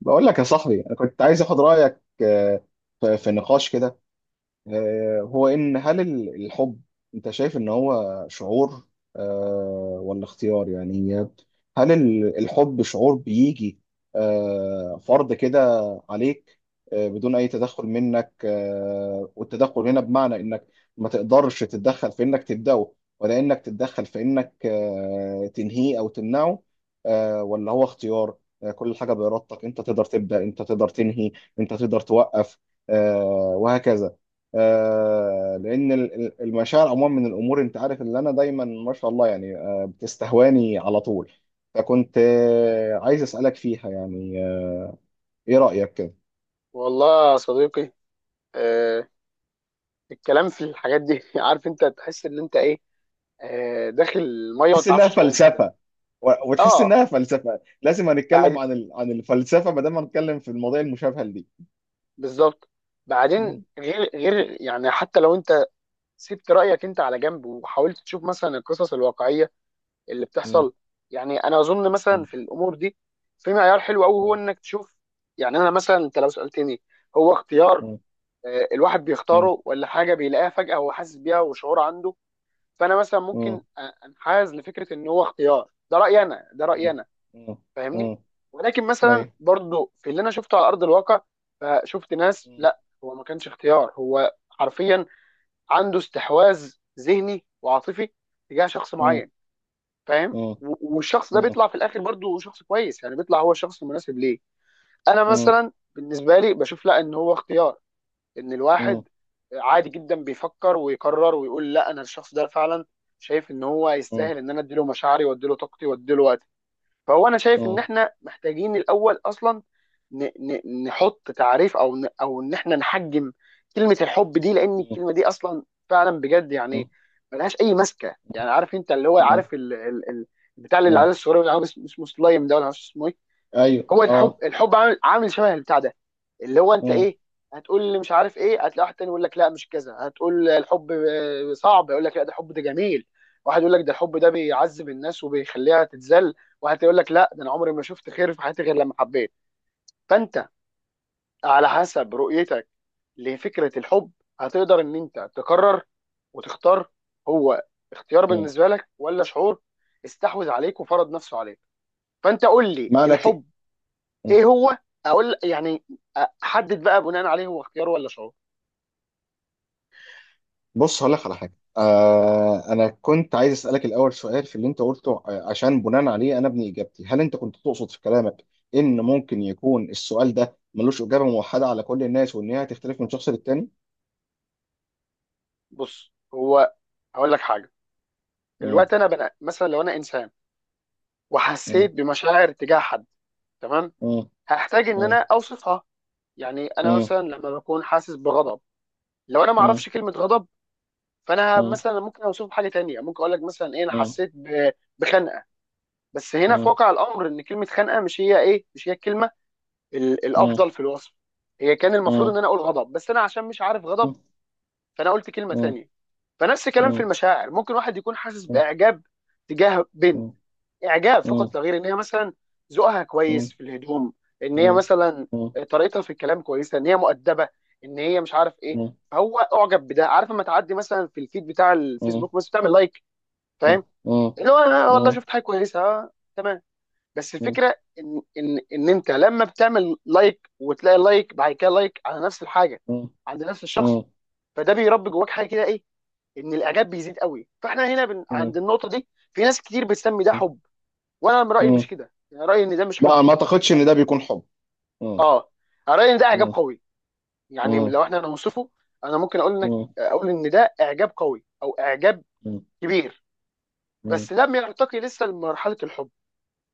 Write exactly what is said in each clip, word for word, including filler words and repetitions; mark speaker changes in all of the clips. Speaker 1: بقول لك يا صاحبي انا كنت عايز اخد رايك، آه، في في نقاش كده. آه، هو ان هل ال- الحب، انت شايف ان هو شعور، آه، ولا اختيار يعني؟ هل ال- الحب شعور بيجي آه، فرض كده عليك، آه، بدون اي تدخل منك. آه، والتدخل هنا بمعنى انك ما تقدرش تتدخل في انك تبدأه، ولا انك تتدخل في انك آه، تنهيه او تمنعه، آه، ولا هو اختيار، آه، كل حاجة بإرادتك، انت تقدر تبدأ، انت تقدر تنهي، انت تقدر توقف، آه، وهكذا. آه، لان ال- ال- المشاعر عموما من الامور، انت عارف اللي انا دايما ما شاء الله يعني آه، بتستهواني على طول. فكنت آه، عايز اسالك فيها يعني، آه، ايه رايك كده؟
Speaker 2: والله يا صديقي، آه الكلام في الحاجات دي عارف انت تحس ان انت ايه، آه داخل الميه وما
Speaker 1: تحس انها
Speaker 2: تعرفش تعوم كده.
Speaker 1: فلسفه، و- وتحس
Speaker 2: اه.
Speaker 1: انها فلسفه. لازم هنتكلم
Speaker 2: بعد.
Speaker 1: عن ال- عن الفلسفه ما دام هنتكلم في المواضيع المشابهه لدي.
Speaker 2: بالظبط. بعدين
Speaker 1: م-
Speaker 2: غير غير يعني حتى لو انت سبت رايك انت على جنب وحاولت تشوف مثلا القصص الواقعيه اللي
Speaker 1: م-
Speaker 2: بتحصل. يعني انا اظن مثلا
Speaker 1: م-
Speaker 2: في الامور دي في معيار حلو قوي هو انك تشوف. يعني انا مثلا انت لو سالتني هو اختيار،
Speaker 1: م-
Speaker 2: آه الواحد
Speaker 1: م- م-
Speaker 2: بيختاره ولا حاجه بيلاقيها فجاه وحاسس بيها وشعور عنده؟ فانا مثلا
Speaker 1: م-
Speaker 2: ممكن أ- انحاز لفكره ان هو اختيار، ده رايي انا، ده رايي
Speaker 1: م-
Speaker 2: انا.
Speaker 1: م-
Speaker 2: فاهمني؟
Speaker 1: م-
Speaker 2: ولكن مثلا
Speaker 1: أيوة.
Speaker 2: برضو في اللي انا شفته على ارض الواقع، فشفت ناس
Speaker 1: م-
Speaker 2: لا، هو ما كانش اختيار، هو حرفيا عنده استحواذ ذهني وعاطفي تجاه شخص
Speaker 1: م-
Speaker 2: معين. فاهم؟
Speaker 1: م-
Speaker 2: و- والشخص ده
Speaker 1: م-
Speaker 2: بيطلع في الاخر برضو شخص كويس، يعني بيطلع هو الشخص المناسب ليه. انا
Speaker 1: م- م-
Speaker 2: مثلا بالنسبه لي بشوف لا، ان هو اختيار، ان
Speaker 1: م-
Speaker 2: الواحد عادي جدا بيفكر ويقرر ويقول لا، انا الشخص ده فعلا شايف ان هو يستاهل ان انا اديله مشاعري واديله طاقتي واديله وقتي. فهو انا شايف ان
Speaker 1: م-
Speaker 2: احنا محتاجين الاول اصلا ن- ن- نحط تعريف، او ن- او ان احنا نحجم كلمة الحب دي، لان الكلمة دي اصلا فعلا بجد
Speaker 1: م-
Speaker 2: يعني ملهاش اي ماسكة. يعني عارف انت، اللي هو
Speaker 1: م-
Speaker 2: عارف ال ال ال بتاع اللي
Speaker 1: م-
Speaker 2: على السوري، اللي عارف اسمه اسمه سلايم ده، ولا مش عارف اسمه ايه؟
Speaker 1: ايوه.
Speaker 2: هو الحب،
Speaker 1: اه.
Speaker 2: الحب عامل عامل شبه البتاع ده، اللي هو انت
Speaker 1: مم.
Speaker 2: ايه، هتقول لي مش عارف ايه، هتلاقي واحد تاني يقول لك لا مش كذا. هتقول الحب آه، صعب، يقول لك لا، ده الحب ده جميل. واحد يقول لك ده الحب ده بيعذب الناس وبيخليها تتذل. واحد يقول لك لا، ده انا عمري ما شفت خير في حياتي غير لما حبيت. فانت على حسب رؤيتك لفكرة الحب هتقدر ان انت تقرر وتختار: هو اختيار
Speaker 1: مم.
Speaker 2: بالنسبة لك، ولا شعور استحوذ عليك وفرض نفسه عليك؟ فانت قول لي
Speaker 1: ما انا ك...
Speaker 2: الحب
Speaker 1: مم.
Speaker 2: ايه هو، اقول يعني، احدد بقى بناء عليه هو اختيار ولا شعور.
Speaker 1: بص هقول لك على حاجه. آه، انا كنت عايز اسالك الاول سؤال في اللي انت قلته، آه، عشان بناء عليه انا ابني اجابتي. هل انت كنت تقصد في كلامك ان ممكن يكون السؤال ده ملوش اجابه موحده على كل الناس، وان هي هتختلف من شخص للتاني؟
Speaker 2: بص، هو هقول لك حاجه.
Speaker 1: مم.
Speaker 2: الوقت انا بنا... مثلا لو انا انسان
Speaker 1: مم.
Speaker 2: وحسيت بمشاعر تجاه حد، تمام؟
Speaker 1: مم.
Speaker 2: هحتاج ان
Speaker 1: مم.
Speaker 2: انا اوصفها. يعني انا
Speaker 1: مم.
Speaker 2: مثلا لما بكون حاسس بغضب، لو انا ما
Speaker 1: مم.
Speaker 2: اعرفش كلمه غضب، فانا
Speaker 1: مم.
Speaker 2: مثلا ممكن اوصفه بحاجه تانية، ممكن اقول لك مثلا ايه، انا
Speaker 1: مم.
Speaker 2: حسيت ب... بخنقه. بس هنا في
Speaker 1: مم.
Speaker 2: واقع الامر ان كلمه خنقه مش هي ايه، مش هي الكلمه ال...
Speaker 1: مم.
Speaker 2: الافضل في الوصف. هي كان المفروض
Speaker 1: مم.
Speaker 2: ان انا اقول غضب، بس انا عشان مش عارف غضب،
Speaker 1: مم.
Speaker 2: فانا قلت كلمه
Speaker 1: مم.
Speaker 2: تانية. فنفس الكلام في
Speaker 1: مم.
Speaker 2: المشاعر، ممكن واحد يكون حاسس باعجاب تجاه
Speaker 1: مم.
Speaker 2: بنت،
Speaker 1: مم.
Speaker 2: اعجاب
Speaker 1: مم.
Speaker 2: فقط لا غير، ان هي مثلا ذوقها كويس في الهدوم، ان هي
Speaker 1: مم.
Speaker 2: مثلا
Speaker 1: مم.
Speaker 2: طريقتها في الكلام كويسه، ان هي مؤدبه، ان هي مش عارف ايه.
Speaker 1: مم.
Speaker 2: فهو اعجب بده، عارف لما تعدي مثلا في الفيد بتاع
Speaker 1: مم.
Speaker 2: الفيسبوك بس بتعمل لايك،
Speaker 1: مم.
Speaker 2: فاهم؟ اللي هو انا والله
Speaker 1: مم.
Speaker 2: شفت حاجه كويسه، آه، تمام. بس
Speaker 1: مم.
Speaker 2: الفكره ان ان ان انت لما بتعمل لايك وتلاقي لايك بعد كده لايك على نفس الحاجه
Speaker 1: مم.
Speaker 2: عند نفس الشخص،
Speaker 1: مم.
Speaker 2: فده بيربي جواك حاجه كده، ايه؟ ان الاعجاب بيزيد قوي. فاحنا هنا بن...
Speaker 1: مم.
Speaker 2: عند النقطه دي في ناس كتير بتسمي ده حب، وانا من رايي
Speaker 1: مم.
Speaker 2: مش كده، يعني رايي ان ده مش حب.
Speaker 1: لا، ما اعتقدش ان ده بيكون حب. مم.
Speaker 2: اه، أنا رايي ان ده اعجاب
Speaker 1: مم.
Speaker 2: قوي. يعني
Speaker 1: مم.
Speaker 2: لو احنا نوصفه، انا ممكن اقول انك
Speaker 1: مم.
Speaker 2: اقول ان ده اعجاب قوي او اعجاب
Speaker 1: مم.
Speaker 2: كبير،
Speaker 1: مم.
Speaker 2: بس لم يرتقي لسه لمرحله الحب.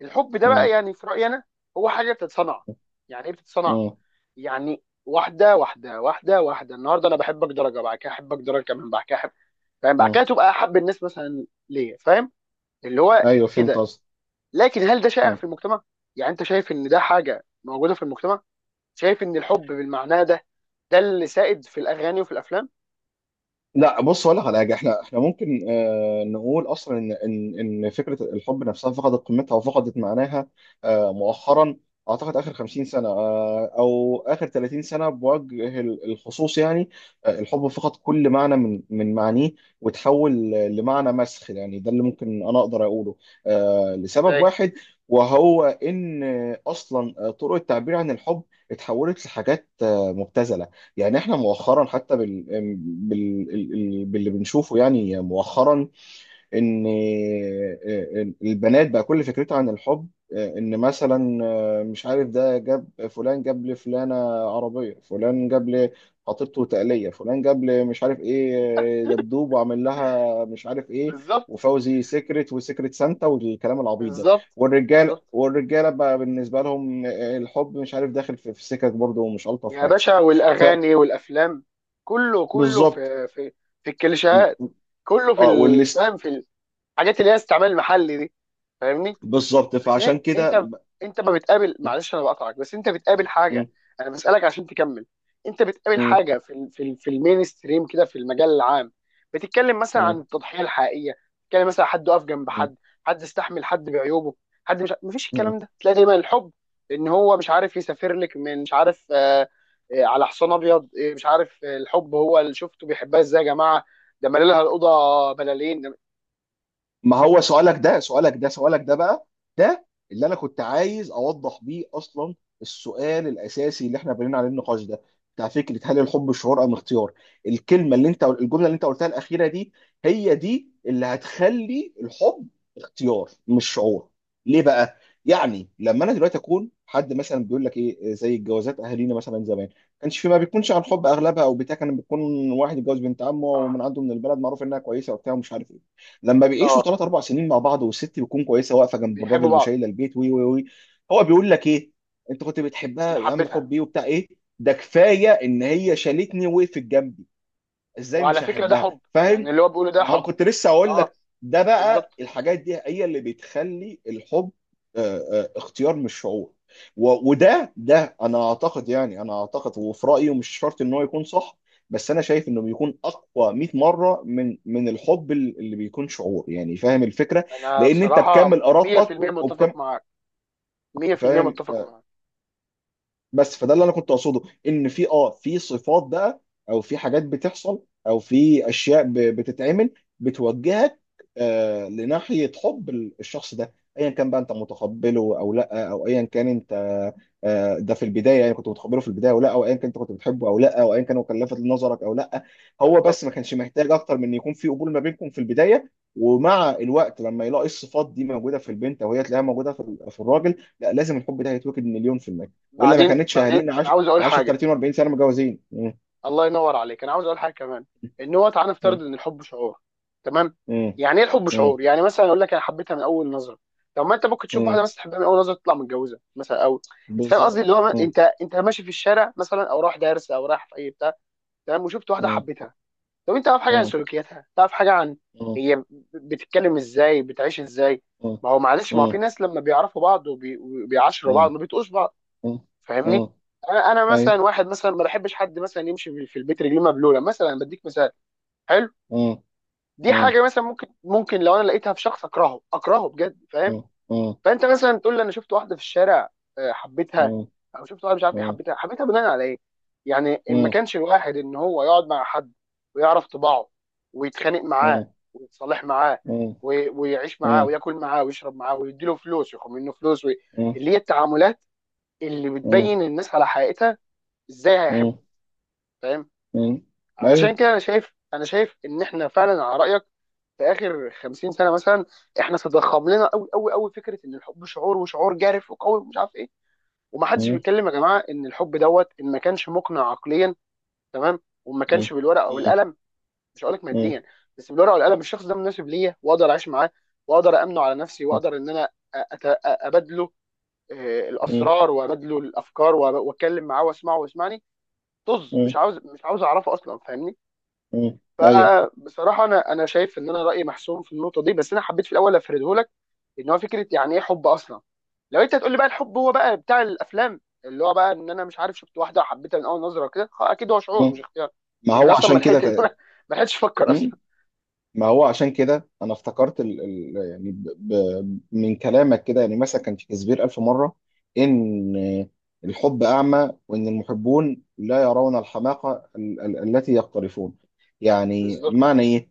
Speaker 2: الحب ده بقى يعني في رايي انا هو حاجه بتتصنع. يعني ايه بتتصنع؟
Speaker 1: مم.
Speaker 2: يعني واحده واحده واحده واحده، النهارده انا بحبك درجه، بعد كده احبك درجه كمان، بعد كده احب، فاهم؟ بعد كده
Speaker 1: مم.
Speaker 2: تبقى احب الناس مثلا ليا، فاهم؟ اللي هو
Speaker 1: ايوه، فهمت
Speaker 2: كده.
Speaker 1: قصدك.
Speaker 2: لكن هل ده شائع في المجتمع؟ يعني انت شايف ان ده حاجه موجوده في المجتمع؟ شايف ان الحب بالمعنى ده، ده اللي سائد في الاغاني وفي الافلام؟
Speaker 1: لا، بص، ولا على حاجه، احنا احنا ممكن آه نقول اصلا ان ان ان فكره الحب نفسها فقدت قيمتها وفقدت معناها آه مؤخرا. اعتقد اخر خمسين سنه، آه، او اخر تلاتين سنه بوجه ال- الخصوص يعني. آه، الحب فقد كل معنى من من معانيه، وتحول لمعنى مسخ يعني. ده اللي ممكن انا اقدر اقوله، آه، لسبب
Speaker 2: ازاي؟
Speaker 1: واحد، وهو ان اصلا آه، طرق التعبير عن الحب اتحولت لحاجات آه، مبتذله. يعني احنا مؤخرا حتى بال... بال... بال... باللي بنشوفه يعني مؤخرا، ان البنات بقى كل فكرتها عن الحب، ان مثلا آه، مش عارف، ده جاب فلان، جاب لفلانة عربية، فلان جاب لخطيبته تقلية، فلان جاب لي مش عارف ايه، آه، دبدوب، وعمل لها مش عارف ايه،
Speaker 2: بالظبط.
Speaker 1: وفوزي سيكرت وسيكرت سانتا والكلام العبيط ده.
Speaker 2: بالظبط.
Speaker 1: والرجال،
Speaker 2: بالظبط
Speaker 1: والرجاله بقى بالنسبه لهم، آه، الحب مش عارف داخل في في سكك برضه، ومش الطف
Speaker 2: يا
Speaker 1: حاجه.
Speaker 2: باشا، والاغاني والافلام كله كله
Speaker 1: فبالظبط.
Speaker 2: في في في الكليشيهات، كله في
Speaker 1: اه، والليست.
Speaker 2: الفهم، في الحاجات اللي هي استعمال المحلي دي، فاهمني؟
Speaker 1: بالظبط.
Speaker 2: لكن إيه؟
Speaker 1: فعشان كده
Speaker 2: انت،
Speaker 1: م-
Speaker 2: انت ما بتقابل، معلش انا بقطعك، بس انت بتقابل
Speaker 1: م-
Speaker 2: حاجه، انا بسالك عشان تكمل. انت بتقابل
Speaker 1: م-
Speaker 2: حاجه في ال في ال في المين ستريم كده في المجال العام، بتتكلم مثلا
Speaker 1: م-
Speaker 2: عن التضحيه الحقيقيه، بتتكلم مثلا حد وقف جنب
Speaker 1: م-
Speaker 2: حد، حد استحمل حد بعيوبه، حد مش ع- مفيش
Speaker 1: م-
Speaker 2: الكلام ده، تلاقي دايما الحب ان هو مش عارف يسافر لك من مش عارف، آه آه على حصان ابيض، آه مش عارف، آه الحب هو اللي شفته بيحبها ازاي يا جماعه، ده مالي لها الاوضه بلالين ده-
Speaker 1: ما هو سؤالك ده، سؤالك ده سؤالك ده بقى ده اللي انا كنت عايز اوضح بيه اصلا. السؤال الاساسي اللي احنا بنينا عليه النقاش ده، بتاع فكره هل الحب شعور ام اختيار. الكلمه اللي انت، الجمله اللي انت قلتها الاخيره دي، هي دي اللي هتخلي الحب اختيار مش شعور. ليه بقى؟ يعني لما انا دلوقتي اكون حد مثلا بيقول لك ايه، زي الجوازات اهالينا مثلا زمان، كانش في، ما بيكونش عن حب اغلبها، او بتاع، كان بيكون واحد اتجوز بنت عمه،
Speaker 2: صح.
Speaker 1: ومن عنده من البلد معروف انها كويسه وبتاع ومش عارف ايه. لما بيعيشوا
Speaker 2: طار.
Speaker 1: ثلاث اربع سنين مع بعض، والست بتكون كويسه واقفه جنب
Speaker 2: بيحبوا
Speaker 1: الراجل
Speaker 2: بعض.
Speaker 1: وشايله البيت، وي وي وي، هو بيقول لك ايه؟ انت كنت بتحبها
Speaker 2: انا
Speaker 1: يا عم؟
Speaker 2: حبيتها.
Speaker 1: حبي وبتاع ايه؟ ده كفايه ان هي شالتني ووقفت جنبي، ازاي
Speaker 2: وعلى
Speaker 1: مش
Speaker 2: فكره ده
Speaker 1: هحبها؟
Speaker 2: حب، يعني
Speaker 1: فاهم؟
Speaker 2: اللي هو بيقوله ده
Speaker 1: ما
Speaker 2: حب.
Speaker 1: كنت لسه اقول
Speaker 2: اه،
Speaker 1: لك، ده بقى
Speaker 2: بالظبط.
Speaker 1: الحاجات دي هي اللي بتخلي الحب، آه، آه، اختيار مش شعور. و- وده، ده انا اعتقد يعني، انا اعتقد وفي رايي، ومش شرط ان هو يكون صح، بس انا شايف انه بيكون اقوى مية مره من من الحب ال- اللي بيكون شعور يعني. فاهم الفكره؟
Speaker 2: انا
Speaker 1: لان انت
Speaker 2: بصراحه
Speaker 1: بكامل ارادتك
Speaker 2: مئة في المئة
Speaker 1: وبكم،
Speaker 2: متفق معاك. مئة في المئة
Speaker 1: فاهم؟
Speaker 2: متفق معاك.
Speaker 1: بس فده اللي انا كنت اقصده. ان في اه، في صفات بقى، او في حاجات بتحصل، او في اشياء ب- بتتعمل بتوجهك آه لناحيه حب ال- الشخص ده، ايا كان بقى انت متقبله او لا، او ايا كان انت آه ده في البدايه يعني، كنت متقبله في البدايه او لا، او ايا كان انت كنت بتحبه او لا، او ايا كان هو كان لافت لنظرك او لا. هو بس ما
Speaker 2: بالظبط.
Speaker 1: كانش محتاج اكتر من ان يكون في قبول ما بينكم في البدايه. ومع الوقت لما يلاقي الصفات دي موجوده في البنت، او هي تلاقيها موجوده في ال- في الراجل، لا لازم الحب ده هيتوكد مليون في المية. والا ما
Speaker 2: بعدين
Speaker 1: كانتش
Speaker 2: بعدين
Speaker 1: اهالينا
Speaker 2: انا
Speaker 1: عاش،
Speaker 2: عاوز اقول
Speaker 1: عاشت
Speaker 2: حاجه.
Speaker 1: تلاتين و40 سنه متجوزين. مم.
Speaker 2: الله ينور عليك، انا عاوز اقول حاجه كمان: ان هو تعالى
Speaker 1: مم.
Speaker 2: نفترض ان الحب شعور، تمام؟
Speaker 1: مم.
Speaker 2: يعني ايه الحب
Speaker 1: مم.
Speaker 2: شعور؟ يعني مثلا اقول لك انا حبيتها من اول نظره. طب ما انت ممكن تشوف
Speaker 1: مم.
Speaker 2: واحده مثلا تحبها من اول نظره تطلع متجوزه مثلا، او انت فاهم قصدي؟ اللي
Speaker 1: بالظبط.
Speaker 2: هو
Speaker 1: مم.
Speaker 2: انت، انت ماشي في الشارع مثلا او رايح دارس او رايح في اي بتاع، تمام، وشفت واحده
Speaker 1: مم.
Speaker 2: حبيتها. طب انت تعرف حاجه عن
Speaker 1: مم.
Speaker 2: سلوكياتها، تعرف حاجه عن
Speaker 1: مم.
Speaker 2: هي بتتكلم ازاي، بتعيش ازاي؟ ما هو معلش، ما هو
Speaker 1: مم.
Speaker 2: في ناس لما بيعرفوا بعض وبي-
Speaker 1: مم.
Speaker 2: وبيعاشروا بعض
Speaker 1: مم.
Speaker 2: ما بيتقوش بعض.
Speaker 1: مم.
Speaker 2: فاهمني؟
Speaker 1: مم.
Speaker 2: انا انا مثلا
Speaker 1: ايوه.
Speaker 2: واحد مثلا ما بحبش حد مثلا يمشي في في البيت رجليه مبلوله، مثلا بديك مثال. حلو.
Speaker 1: مم.
Speaker 2: دي
Speaker 1: مم.
Speaker 2: حاجه مثلا ممكن ممكن لو انا لقيتها في شخص اكرهه اكرهه بجد، فاهم؟ فانت مثلا تقول لي انا شفت واحده في الشارع، آه،
Speaker 1: مم.
Speaker 2: حبيتها،
Speaker 1: مم.
Speaker 2: او شفت واحده مش عارف ايه حبيتها. حبيتها بناء على ايه؟ يعني
Speaker 1: مم. مم. مم.
Speaker 2: إن
Speaker 1: مم.
Speaker 2: ما
Speaker 1: مم. مم.
Speaker 2: كانش الواحد ان هو يقعد مع حد ويعرف طباعه، ويتخانق معاه ويتصالح معاه
Speaker 1: مم.
Speaker 2: وي- ويعيش معاه وياكل معاه ويشرب معاه ويديله فلوس وياخد منه فلوس وي...
Speaker 1: مم.
Speaker 2: اللي هي التعاملات اللي
Speaker 1: مم.
Speaker 2: بتبين الناس على حقيقتها، ازاي هيحبه؟ فاهم؟
Speaker 1: مم.
Speaker 2: علشان
Speaker 1: ايوه.
Speaker 2: كده انا شايف انا شايف ان احنا فعلا على رايك، في اخر خمسين سنه مثلا احنا تضخم لنا قوي قوي قوي فكره ان الحب شعور، وشعور جارف وقوي ومش عارف إيه. ومحدش
Speaker 1: مم.
Speaker 2: بيتكلم يا جماعه ان الحب دوت، ان ما كانش مقنع عقليا، تمام، وما
Speaker 1: مم.
Speaker 2: كانش بالورقه او
Speaker 1: مم.
Speaker 2: القلم. مش هقول لك
Speaker 1: مم.
Speaker 2: ماديا، بس بالورقه والقلم الشخص ده مناسب ليا، واقدر اعيش معاه، واقدر امنه على نفسي، واقدر ان انا أت- ابادله، آه،
Speaker 1: مم.
Speaker 2: الاسرار، وابادله الافكار، وأب- واتكلم معاه واسمعه ويسمعني. طز، مش
Speaker 1: مم.
Speaker 2: عاوز مش عاوز اعرفه اصلا، فاهمني؟
Speaker 1: مم. ايوه.
Speaker 2: فبصراحه انا انا شايف ان انا رايي محسوم في النقطه دي، بس انا حبيت في الاول افرده لك: ان هو فكره يعني ايه حب اصلا. لو انت تقول لي بقى الحب هو بقى بتاع الافلام، اللي هو بقى ان انا مش عارف، شفت واحده وحبيتها من اول نظره وكده، خ- اكيد هو شعور مش
Speaker 1: مم.
Speaker 2: اختيار.
Speaker 1: ما
Speaker 2: انت
Speaker 1: هو
Speaker 2: اصلا ما
Speaker 1: عشان كده،
Speaker 2: لحقت ما لحقتش تفكر اصلا.
Speaker 1: ت- ما هو عشان كده انا افتكرت ال ال يعني، ب ب من كلامك كده، يعني مثلا كان شكسبير الف مره ان الحب اعمى، وان المحبون لا يرون الحماقه ال ال التي يقترفون. يعني
Speaker 2: بالظبط.
Speaker 1: معنى ايه؟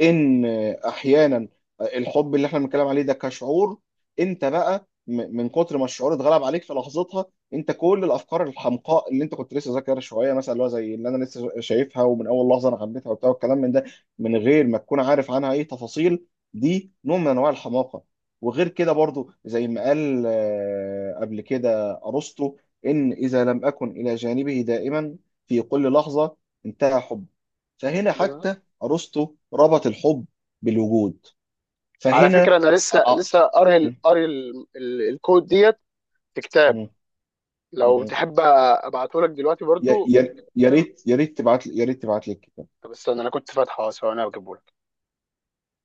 Speaker 1: ان احيانا الحب اللي احنا بنتكلم عليه ده كشعور، انت بقى م- من كتر ما الشعور اتغلب عليك في لحظتها، انت كل الافكار الحمقاء اللي انت كنت لسه ذاكرها شويه، مثلا اللي هو زي اللي انا لسه شايفها ومن اول لحظه انا حبيتها وبتاع والكلام من ده، من غير ما تكون عارف عنها اي تفاصيل، دي نوع من انواع الحماقه. وغير كده برضو، زي ما قال آه، قبل كده ارسطو، ان اذا لم اكن الى جانبه دائما في كل لحظه انتهى حب. فهنا
Speaker 2: بالظبط.
Speaker 1: حتى ارسطو ربط الحب بالوجود.
Speaker 2: على فكره
Speaker 1: فهنا
Speaker 2: انا لسه
Speaker 1: آه، آه،
Speaker 2: لسه قاري ال-
Speaker 1: م-
Speaker 2: قاري ال- ال- الكود ديت في كتاب،
Speaker 1: م-
Speaker 2: لو
Speaker 1: م-
Speaker 2: تحب ابعته لك دلوقتي
Speaker 1: يا
Speaker 2: برضو.
Speaker 1: يا- يا
Speaker 2: اتكلم.
Speaker 1: ريت، يا ريت تبعت يا ريت تبعت لي الكتاب.
Speaker 2: طب استنى، انا كنت فاتحه، ثواني اجيبه.